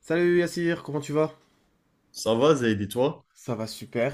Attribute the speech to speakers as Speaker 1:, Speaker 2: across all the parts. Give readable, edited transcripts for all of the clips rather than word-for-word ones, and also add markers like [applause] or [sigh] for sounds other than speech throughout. Speaker 1: Salut Yassir, comment tu vas?
Speaker 2: Ça va, Zaid, et toi?
Speaker 1: Ça va super.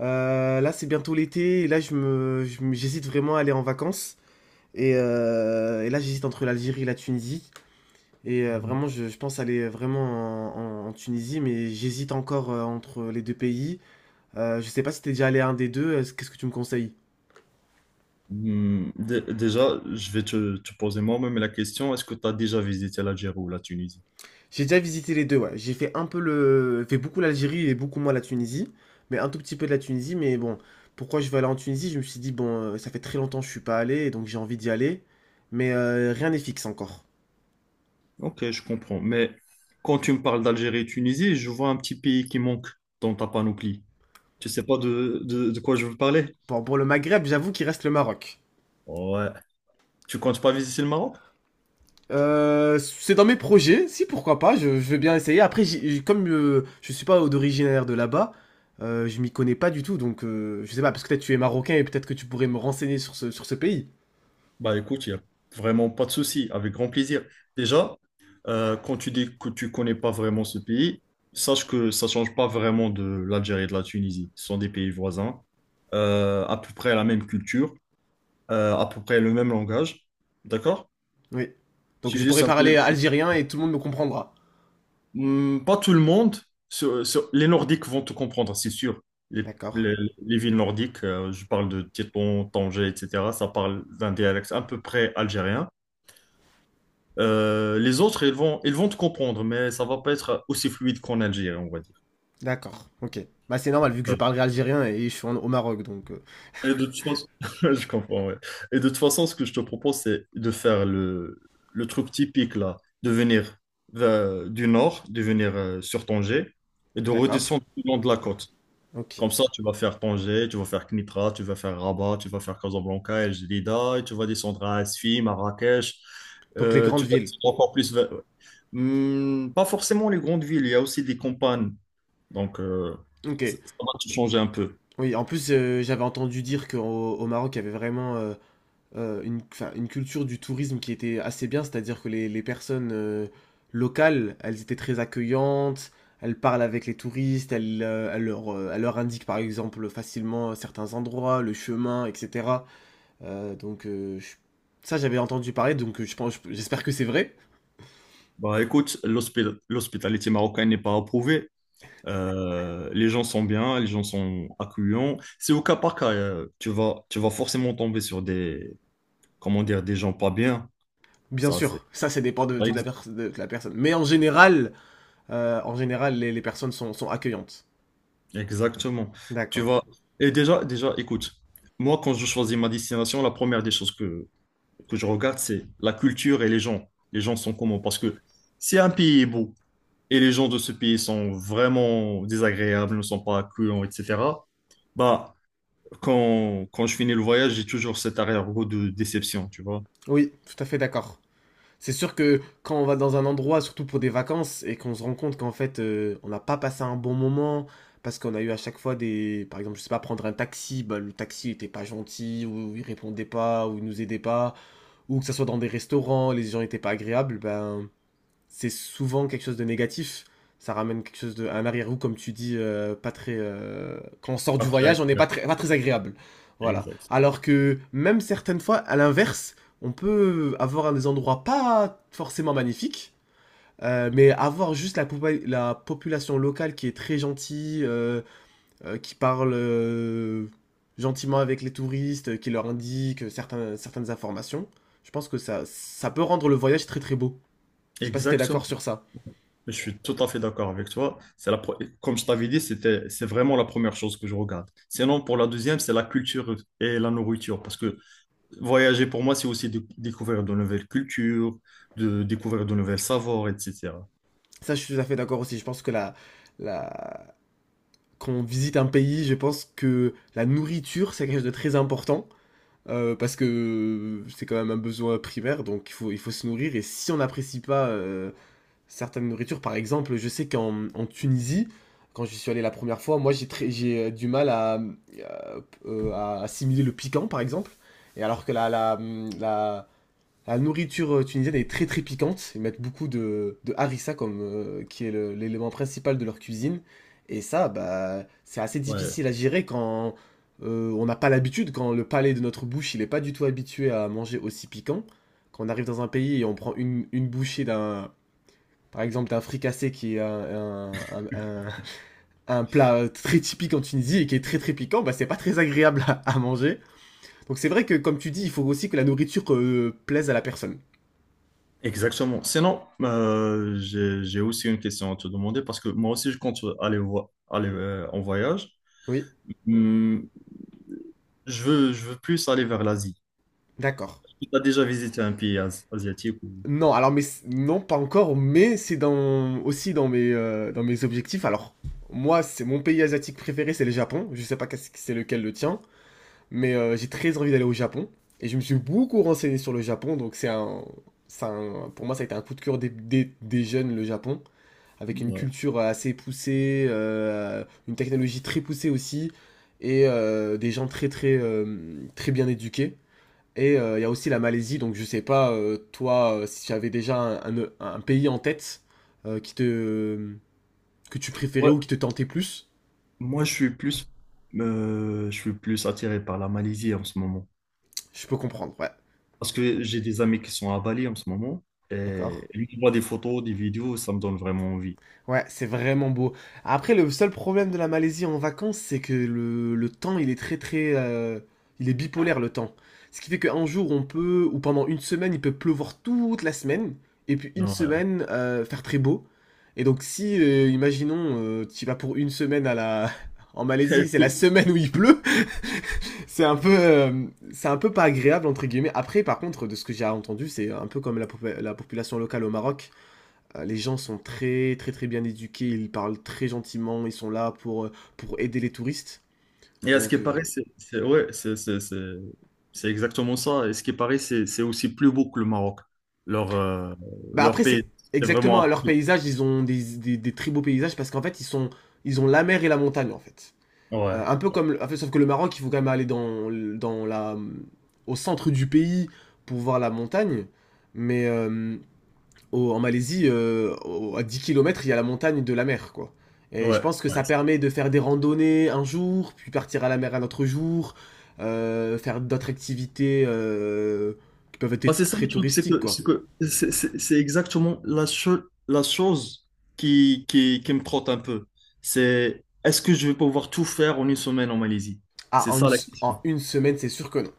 Speaker 1: Là c'est bientôt l'été et là j'hésite vraiment à aller en vacances. Et là j'hésite entre l'Algérie et la Tunisie. Et
Speaker 2: Mhm.
Speaker 1: vraiment je pense aller vraiment en Tunisie, mais j'hésite encore entre les deux pays. Je sais pas si t'es déjà allé à un des deux, qu'est-ce que tu me conseilles?
Speaker 2: Déjà, je vais te poser moi-même la question, est-ce que tu as déjà visité l'Algérie ou la Tunisie?
Speaker 1: J'ai déjà visité les deux, ouais. J'ai fait un peu fait beaucoup l'Algérie et beaucoup moins la Tunisie, mais un tout petit peu de la Tunisie. Mais bon, pourquoi je vais aller en Tunisie? Je me suis dit bon, ça fait très longtemps que je suis pas allé, et donc j'ai envie d'y aller, mais rien n'est fixe encore.
Speaker 2: Ok, je comprends. Mais quand tu me parles d'Algérie et Tunisie, je vois un petit pays qui manque dans ta panoplie. Tu sais pas de quoi je veux parler?
Speaker 1: Bon, pour le Maghreb, j'avoue qu'il reste le Maroc.
Speaker 2: Ouais. Tu comptes pas visiter le Maroc?
Speaker 1: C'est dans mes projets, si pourquoi pas, je veux bien essayer. Après, comme je suis pas d'originaire de là-bas, je m'y connais pas du tout, donc je sais pas. Parce que peut-être tu es marocain et peut-être que tu pourrais me renseigner sur ce pays.
Speaker 2: Bah écoute, il n'y a vraiment pas de souci, avec grand plaisir. Déjà, quand tu dis que tu connais pas vraiment ce pays, sache que ça change pas vraiment de l'Algérie et de la Tunisie. Ce sont des pays voisins, à peu près la même culture, à peu près le même langage. D'accord?
Speaker 1: Oui. Donc
Speaker 2: C'est
Speaker 1: je
Speaker 2: juste
Speaker 1: pourrais
Speaker 2: un peu
Speaker 1: parler
Speaker 2: le…
Speaker 1: algérien et tout le monde me comprendra.
Speaker 2: Hmm. Pas tout le monde. Les Nordiques vont te comprendre, c'est sûr. Les,
Speaker 1: D'accord.
Speaker 2: les- les villes nordiques, je parle de Tétouan, Tanger, etc. Ça parle d'un dialecte à peu près algérien. Les autres, ils vont te comprendre, mais ça va pas être aussi fluide qu'en Algérie, on va dire.
Speaker 1: D'accord. Ok. Bah c'est normal vu que je parlerai algérien et je suis au Maroc donc.
Speaker 2: Et de toute façon, [laughs] je comprends, ouais. Et de toute façon, ce que je te propose, c'est de faire le truc typique, là, de venir du nord, de venir sur Tanger et de
Speaker 1: D'accord.
Speaker 2: redescendre le long de la côte.
Speaker 1: Ok.
Speaker 2: Comme ça, tu vas faire Tanger, tu vas faire Knitra, tu vas faire Rabat, tu vas faire Casablanca, El Jadida, et tu vas descendre à Asfi, Marrakech.
Speaker 1: Donc les
Speaker 2: Tu
Speaker 1: grandes
Speaker 2: vas
Speaker 1: villes.
Speaker 2: descendre encore plus vers… Hmm, pas forcément les grandes villes, il y a aussi des campagnes. Donc,
Speaker 1: Ok.
Speaker 2: ça va te changer un peu.
Speaker 1: Oui. En plus j'avais entendu dire qu'au Maroc il y avait vraiment enfin, une culture du tourisme qui était assez bien, c'est-à-dire que les personnes locales elles étaient très accueillantes. Elles parlent avec les touristes, elles leur indiquent par exemple facilement certains endroits, le chemin, etc. Donc ça j'avais entendu parler, donc je pense, j'espère que c'est vrai.
Speaker 2: Bah, écoute, l'hospitalité marocaine n'est pas approuvée. Les gens sont bien, les gens sont accueillants. C'est au cas par cas. Tu vas, tu vas forcément tomber sur des, comment dire, des gens pas bien.
Speaker 1: Bien
Speaker 2: Ça, c'est…
Speaker 1: sûr, ça dépend de toute la personne. Mais en général, les personnes sont accueillantes.
Speaker 2: Exactement. Tu
Speaker 1: D'accord.
Speaker 2: vas… Et déjà, écoute, moi, quand je choisis ma destination, la première des choses que je regarde, c'est la culture et les gens. Les gens sont comment? Parce que si un pays est beau et les gens de ce pays sont vraiment désagréables, ne sont pas accueillants, etc., bah, quand je finis le voyage, j'ai toujours cet arrière-goût de déception, tu vois.
Speaker 1: Oui, tout à fait d'accord. C'est sûr que quand on va dans un endroit, surtout pour des vacances, et qu'on se rend compte qu'en fait on n'a pas passé un bon moment, parce qu'on a eu à chaque fois par exemple, je sais pas, prendre un taxi, bah, le taxi était pas gentil, ou il répondait pas, ou il nous aidait pas, ou que ça soit dans des restaurants, les gens étaient pas agréables, ben c'est souvent quelque chose de négatif. Ça ramène quelque chose de un arrière-goût, comme tu dis, pas très. Quand on sort du
Speaker 2: Pas très
Speaker 1: voyage, on n'est pas
Speaker 2: agréable.
Speaker 1: très, pas très agréable. Voilà.
Speaker 2: Exact.
Speaker 1: Alors que même certaines fois, à l'inverse, on peut avoir des endroits pas forcément magnifiques, mais avoir juste la population locale qui est très gentille, qui parle gentiment avec les touristes, qui leur indique certaines informations. Je pense que ça peut rendre le voyage très très beau. Je sais pas si t'es
Speaker 2: Exactement.
Speaker 1: d'accord sur ça.
Speaker 2: Je suis tout à fait d'accord avec toi. Comme je t'avais dit, c'est vraiment la première chose que je regarde. Sinon, pour la deuxième, c'est la culture et la nourriture. Parce que voyager, pour moi, c'est aussi découvrir de nouvelles cultures, de découvrir de nouvelles savoirs, etc.
Speaker 1: Ça, je suis tout à fait d'accord aussi. Je pense que la... quand on visite un pays, je pense que la nourriture, c'est quelque chose de très important. Parce que c'est quand même un besoin primaire, donc il faut se nourrir. Et si on n'apprécie pas certaines nourritures, par exemple, je sais qu'en Tunisie, quand j'y suis allé la première fois, moi j'ai du mal à assimiler le piquant, par exemple. Et alors que la, la nourriture tunisienne est très très piquante. Ils mettent beaucoup de harissa comme qui est l'élément principal de leur cuisine. Et ça, bah, c'est assez
Speaker 2: Ouais,
Speaker 1: difficile à gérer quand on n'a pas l'habitude, quand le palais de notre bouche, il n'est pas du tout habitué à manger aussi piquant. Quand on arrive dans un pays et on prend une bouchée par exemple, d'un fricassé qui est un plat très typique en Tunisie et qui est très très piquant, bah, c'est pas très agréable à manger. Donc c'est vrai que, comme tu dis, il faut aussi que la nourriture plaise à la personne.
Speaker 2: exactement. Sinon, j'ai aussi une question à te demander parce que moi aussi, je compte aller en voyage.
Speaker 1: Oui.
Speaker 2: Hum, je veux plus aller vers l'Asie.
Speaker 1: D'accord.
Speaker 2: Tu as déjà visité un pays asiatique ou…
Speaker 1: Non, alors mais non, pas encore, mais c'est dans aussi dans mes objectifs. Alors moi, c'est mon pays asiatique préféré, c'est le Japon. Je sais pas qu'est-ce que c'est lequel le tien, mais j'ai très envie d'aller au Japon et je me suis beaucoup renseigné sur le Japon, donc pour moi ça a été un coup de cœur des jeunes le Japon, avec une culture assez poussée, une technologie très poussée aussi et des gens très très très bien éduqués. Il y a aussi la Malaisie, donc je sais pas, toi, si tu avais déjà un pays en tête euh, qui te, que tu préférais
Speaker 2: Ouais.
Speaker 1: ou qui te tentait plus,
Speaker 2: Moi, je suis plus attiré par la Malaisie en ce moment.
Speaker 1: je peux comprendre, ouais.
Speaker 2: Parce que j'ai des amis qui sont à Bali en ce moment. Et
Speaker 1: D'accord.
Speaker 2: lui qui voit des photos, des vidéos, ça me donne vraiment envie.
Speaker 1: Ouais, c'est vraiment beau. Après, le seul problème de la Malaisie en vacances, c'est que le temps, il est très très il est bipolaire, le temps. Ce qui fait qu'un jour, on peut, ou pendant une semaine, il peut pleuvoir toute la semaine, et puis une
Speaker 2: Non,
Speaker 1: semaine, faire très beau. Et donc si, imaginons, tu vas pour une semaine à la [laughs] en Malaisie,
Speaker 2: [laughs]
Speaker 1: c'est la
Speaker 2: oui.
Speaker 1: semaine où il pleut. [laughs] C'est un peu, pas agréable entre guillemets. Après, par contre, de ce que j'ai entendu, c'est un peu comme la population locale au Maroc. Les gens sont très très très bien éduqués, ils parlent très gentiment, ils sont là pour aider les touristes.
Speaker 2: Et à ce qui
Speaker 1: Donc,
Speaker 2: paraît, c'est exactement ça. Et ce qui paraît, c'est aussi plus beau que le Maroc. Leur, euh,
Speaker 1: bah
Speaker 2: leur
Speaker 1: après
Speaker 2: pays,
Speaker 1: c'est
Speaker 2: c'est
Speaker 1: exactement
Speaker 2: vraiment…
Speaker 1: à leur
Speaker 2: un-
Speaker 1: paysage, ils ont des très beaux paysages parce qu'en fait ils ont la mer et la montagne en fait.
Speaker 2: Ouais,
Speaker 1: Un peu comme, en fait, sauf que le Maroc, il faut quand même aller au centre du pays pour voir la montagne. Mais en Malaisie, à 10 kilomètres, il y a la montagne de la mer, quoi. Et je
Speaker 2: ouais,
Speaker 1: pense que
Speaker 2: ouais.
Speaker 1: ça permet de faire des randonnées un jour, puis partir à la mer un autre jour, faire d'autres activités qui peuvent
Speaker 2: Bah, c'est
Speaker 1: être
Speaker 2: ça le
Speaker 1: très
Speaker 2: truc, c'est
Speaker 1: touristiques,
Speaker 2: que
Speaker 1: quoi.
Speaker 2: c'est que c'est exactement la chose qui me trotte un peu. C'est est-ce que je vais pouvoir tout faire en une semaine en Malaisie?
Speaker 1: Ah,
Speaker 2: C'est
Speaker 1: en une,
Speaker 2: ça la
Speaker 1: s- en
Speaker 2: question.
Speaker 1: une semaine, c'est sûr que non.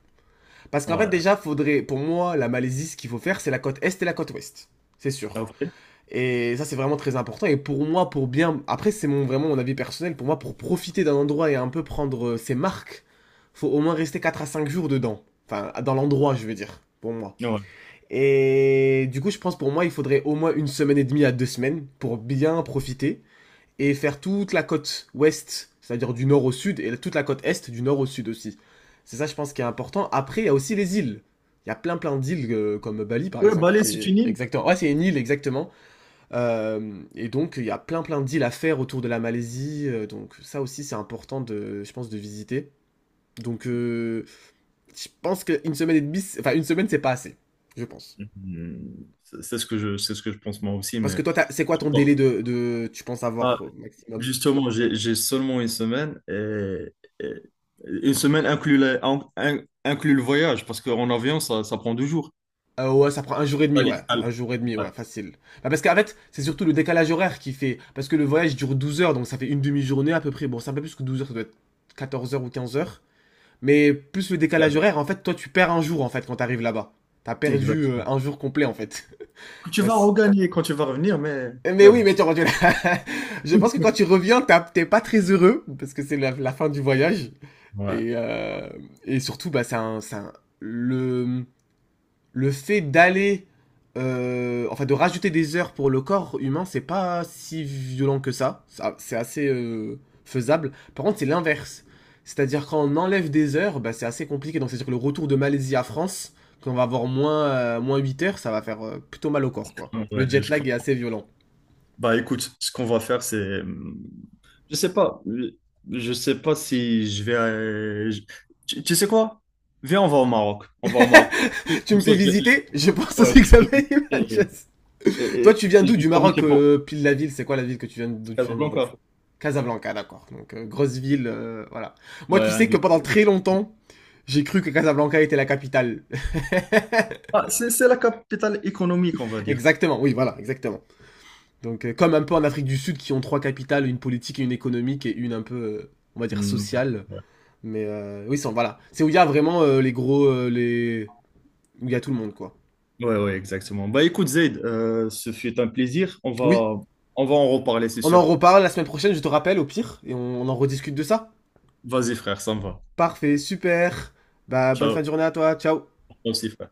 Speaker 1: Parce qu'en fait,
Speaker 2: Ouais.
Speaker 1: déjà, faudrait, pour moi, la Malaisie, ce qu'il faut faire, c'est la côte est et la côte ouest. C'est
Speaker 2: Ah,
Speaker 1: sûr.
Speaker 2: ok.
Speaker 1: Et ça, c'est vraiment très important. Et pour moi, pour bien. Après, c'est vraiment mon avis personnel. Pour moi, pour profiter d'un endroit et un peu prendre ses marques, faut au moins rester 4 à 5 jours dedans. Enfin, dans l'endroit, je veux dire, pour moi.
Speaker 2: Ouais.
Speaker 1: Et du coup, je pense, pour moi, il faudrait au moins une semaine et demie à 2 semaines pour bien profiter et faire toute la côte ouest, c'est-à-dire du nord au sud, et toute la côte est, du nord au sud aussi. C'est ça, je pense, qui est important. Après, il y a aussi les îles. Il y a plein plein d'îles, comme Bali par
Speaker 2: Ouais,
Speaker 1: exemple,
Speaker 2: Bali,
Speaker 1: qui
Speaker 2: c'est
Speaker 1: est
Speaker 2: une île.
Speaker 1: exactement. Ouais, c'est une île exactement. Et donc, il y a plein plein de deals à faire autour de la Malaisie. Donc, ça aussi, c'est important, de, je pense, de visiter. Donc, je pense qu'une semaine et demie, enfin, une semaine, c'est pas assez, je pense.
Speaker 2: Hmm. C'est c'est ce que je pense moi aussi,
Speaker 1: Parce que
Speaker 2: mais…
Speaker 1: toi, c'est quoi ton
Speaker 2: Bon,
Speaker 1: délai de, tu penses avoir
Speaker 2: bah,
Speaker 1: au maximum?
Speaker 2: justement, j'ai seulement une semaine et une semaine inclut, la- in- in- inclut le voyage parce qu'en avion, ça prend deux jours.
Speaker 1: Ouais, ça prend un jour et
Speaker 2: Pas
Speaker 1: demi,
Speaker 2: les…
Speaker 1: ouais. Un
Speaker 2: Ouais,
Speaker 1: jour et demi, ouais, facile. Bah, parce qu'en fait, c'est surtout le décalage horaire qui fait. Parce que le voyage dure 12 heures, donc ça fait une demi-journée à peu près. Bon, c'est un peu plus que 12 heures, ça doit être 14 heures ou 15 heures. Mais plus le décalage
Speaker 2: escale.
Speaker 1: horaire, en fait, toi, tu perds un jour, en fait, quand t'arrives là-bas. T'as perdu
Speaker 2: Exact.
Speaker 1: un jour complet, en fait.
Speaker 2: Que
Speaker 1: [laughs]
Speaker 2: tu vas
Speaker 1: Parce...
Speaker 2: regagner quand tu vas revenir,
Speaker 1: Mais
Speaker 2: mais
Speaker 1: oui,
Speaker 2: bon.
Speaker 1: mais tu vois, [laughs] je pense que quand tu reviens, t'es pas très heureux, parce que c'est la fin du voyage.
Speaker 2: Ouais.
Speaker 1: Et, euh, et surtout, bah, le, le fait d'aller, enfin de rajouter des heures pour le corps humain, c'est pas si violent que ça. Ça, c'est assez faisable. Par contre, c'est l'inverse. C'est-à-dire quand on enlève des heures, bah, c'est assez compliqué. Donc c'est-à-dire que le retour de Malaisie à France, quand on va avoir moins 8 heures, ça va faire plutôt mal au corps, quoi.
Speaker 2: Ouais,
Speaker 1: Le jet
Speaker 2: je crois.
Speaker 1: lag est assez violent.
Speaker 2: Bah écoute, ce qu'on va faire, c'est… je sais pas. Je sais pas si je vais… tu sais quoi? Viens, on va au Maroc. On va au Maroc.
Speaker 1: [laughs] Tu
Speaker 2: Comme
Speaker 1: me
Speaker 2: ça,
Speaker 1: fais
Speaker 2: je vais… je-
Speaker 1: visiter. Je pense
Speaker 2: Ouais,
Speaker 1: aussi
Speaker 2: je
Speaker 1: que
Speaker 2: te
Speaker 1: ça
Speaker 2: fais
Speaker 1: va être [laughs]
Speaker 2: visiter.
Speaker 1: Manchester. Toi, tu viens
Speaker 2: Et je
Speaker 1: d'où?
Speaker 2: vais
Speaker 1: Du Maroc,
Speaker 2: profiter pour…
Speaker 1: pile la ville. C'est quoi la ville que tu viens,
Speaker 2: C'est
Speaker 1: d'où tu viens du Maroc?
Speaker 2: Casablanca.
Speaker 1: Casablanca, d'accord. Donc, grosse ville, voilà. Moi,
Speaker 2: Ouais,
Speaker 1: tu
Speaker 2: un
Speaker 1: sais que
Speaker 2: des-
Speaker 1: pendant très longtemps, j'ai cru que Casablanca était la capitale.
Speaker 2: Ah, c'est la capitale économique, on va
Speaker 1: [laughs]
Speaker 2: dire.
Speaker 1: Exactement, oui, voilà, exactement. Donc, comme un peu en Afrique du Sud, qui ont trois capitales, une politique et une économique, et une un peu, on va dire,
Speaker 2: Hmm.
Speaker 1: sociale. Mais oui, voilà. C'est où il y a vraiment les gros, les où il y a tout le monde, quoi.
Speaker 2: Ouais, exactement. Bah écoute, Zaid, ce fut un plaisir.
Speaker 1: Oui,
Speaker 2: On va en reparler, c'est
Speaker 1: on en
Speaker 2: sûr.
Speaker 1: reparle la semaine prochaine, je te rappelle, au pire, et on en rediscute de ça.
Speaker 2: Vas-y, frère, ça me va.
Speaker 1: Parfait, super. Bah, bonne fin
Speaker 2: Ciao.
Speaker 1: de journée à toi, ciao.
Speaker 2: Toi aussi, frère.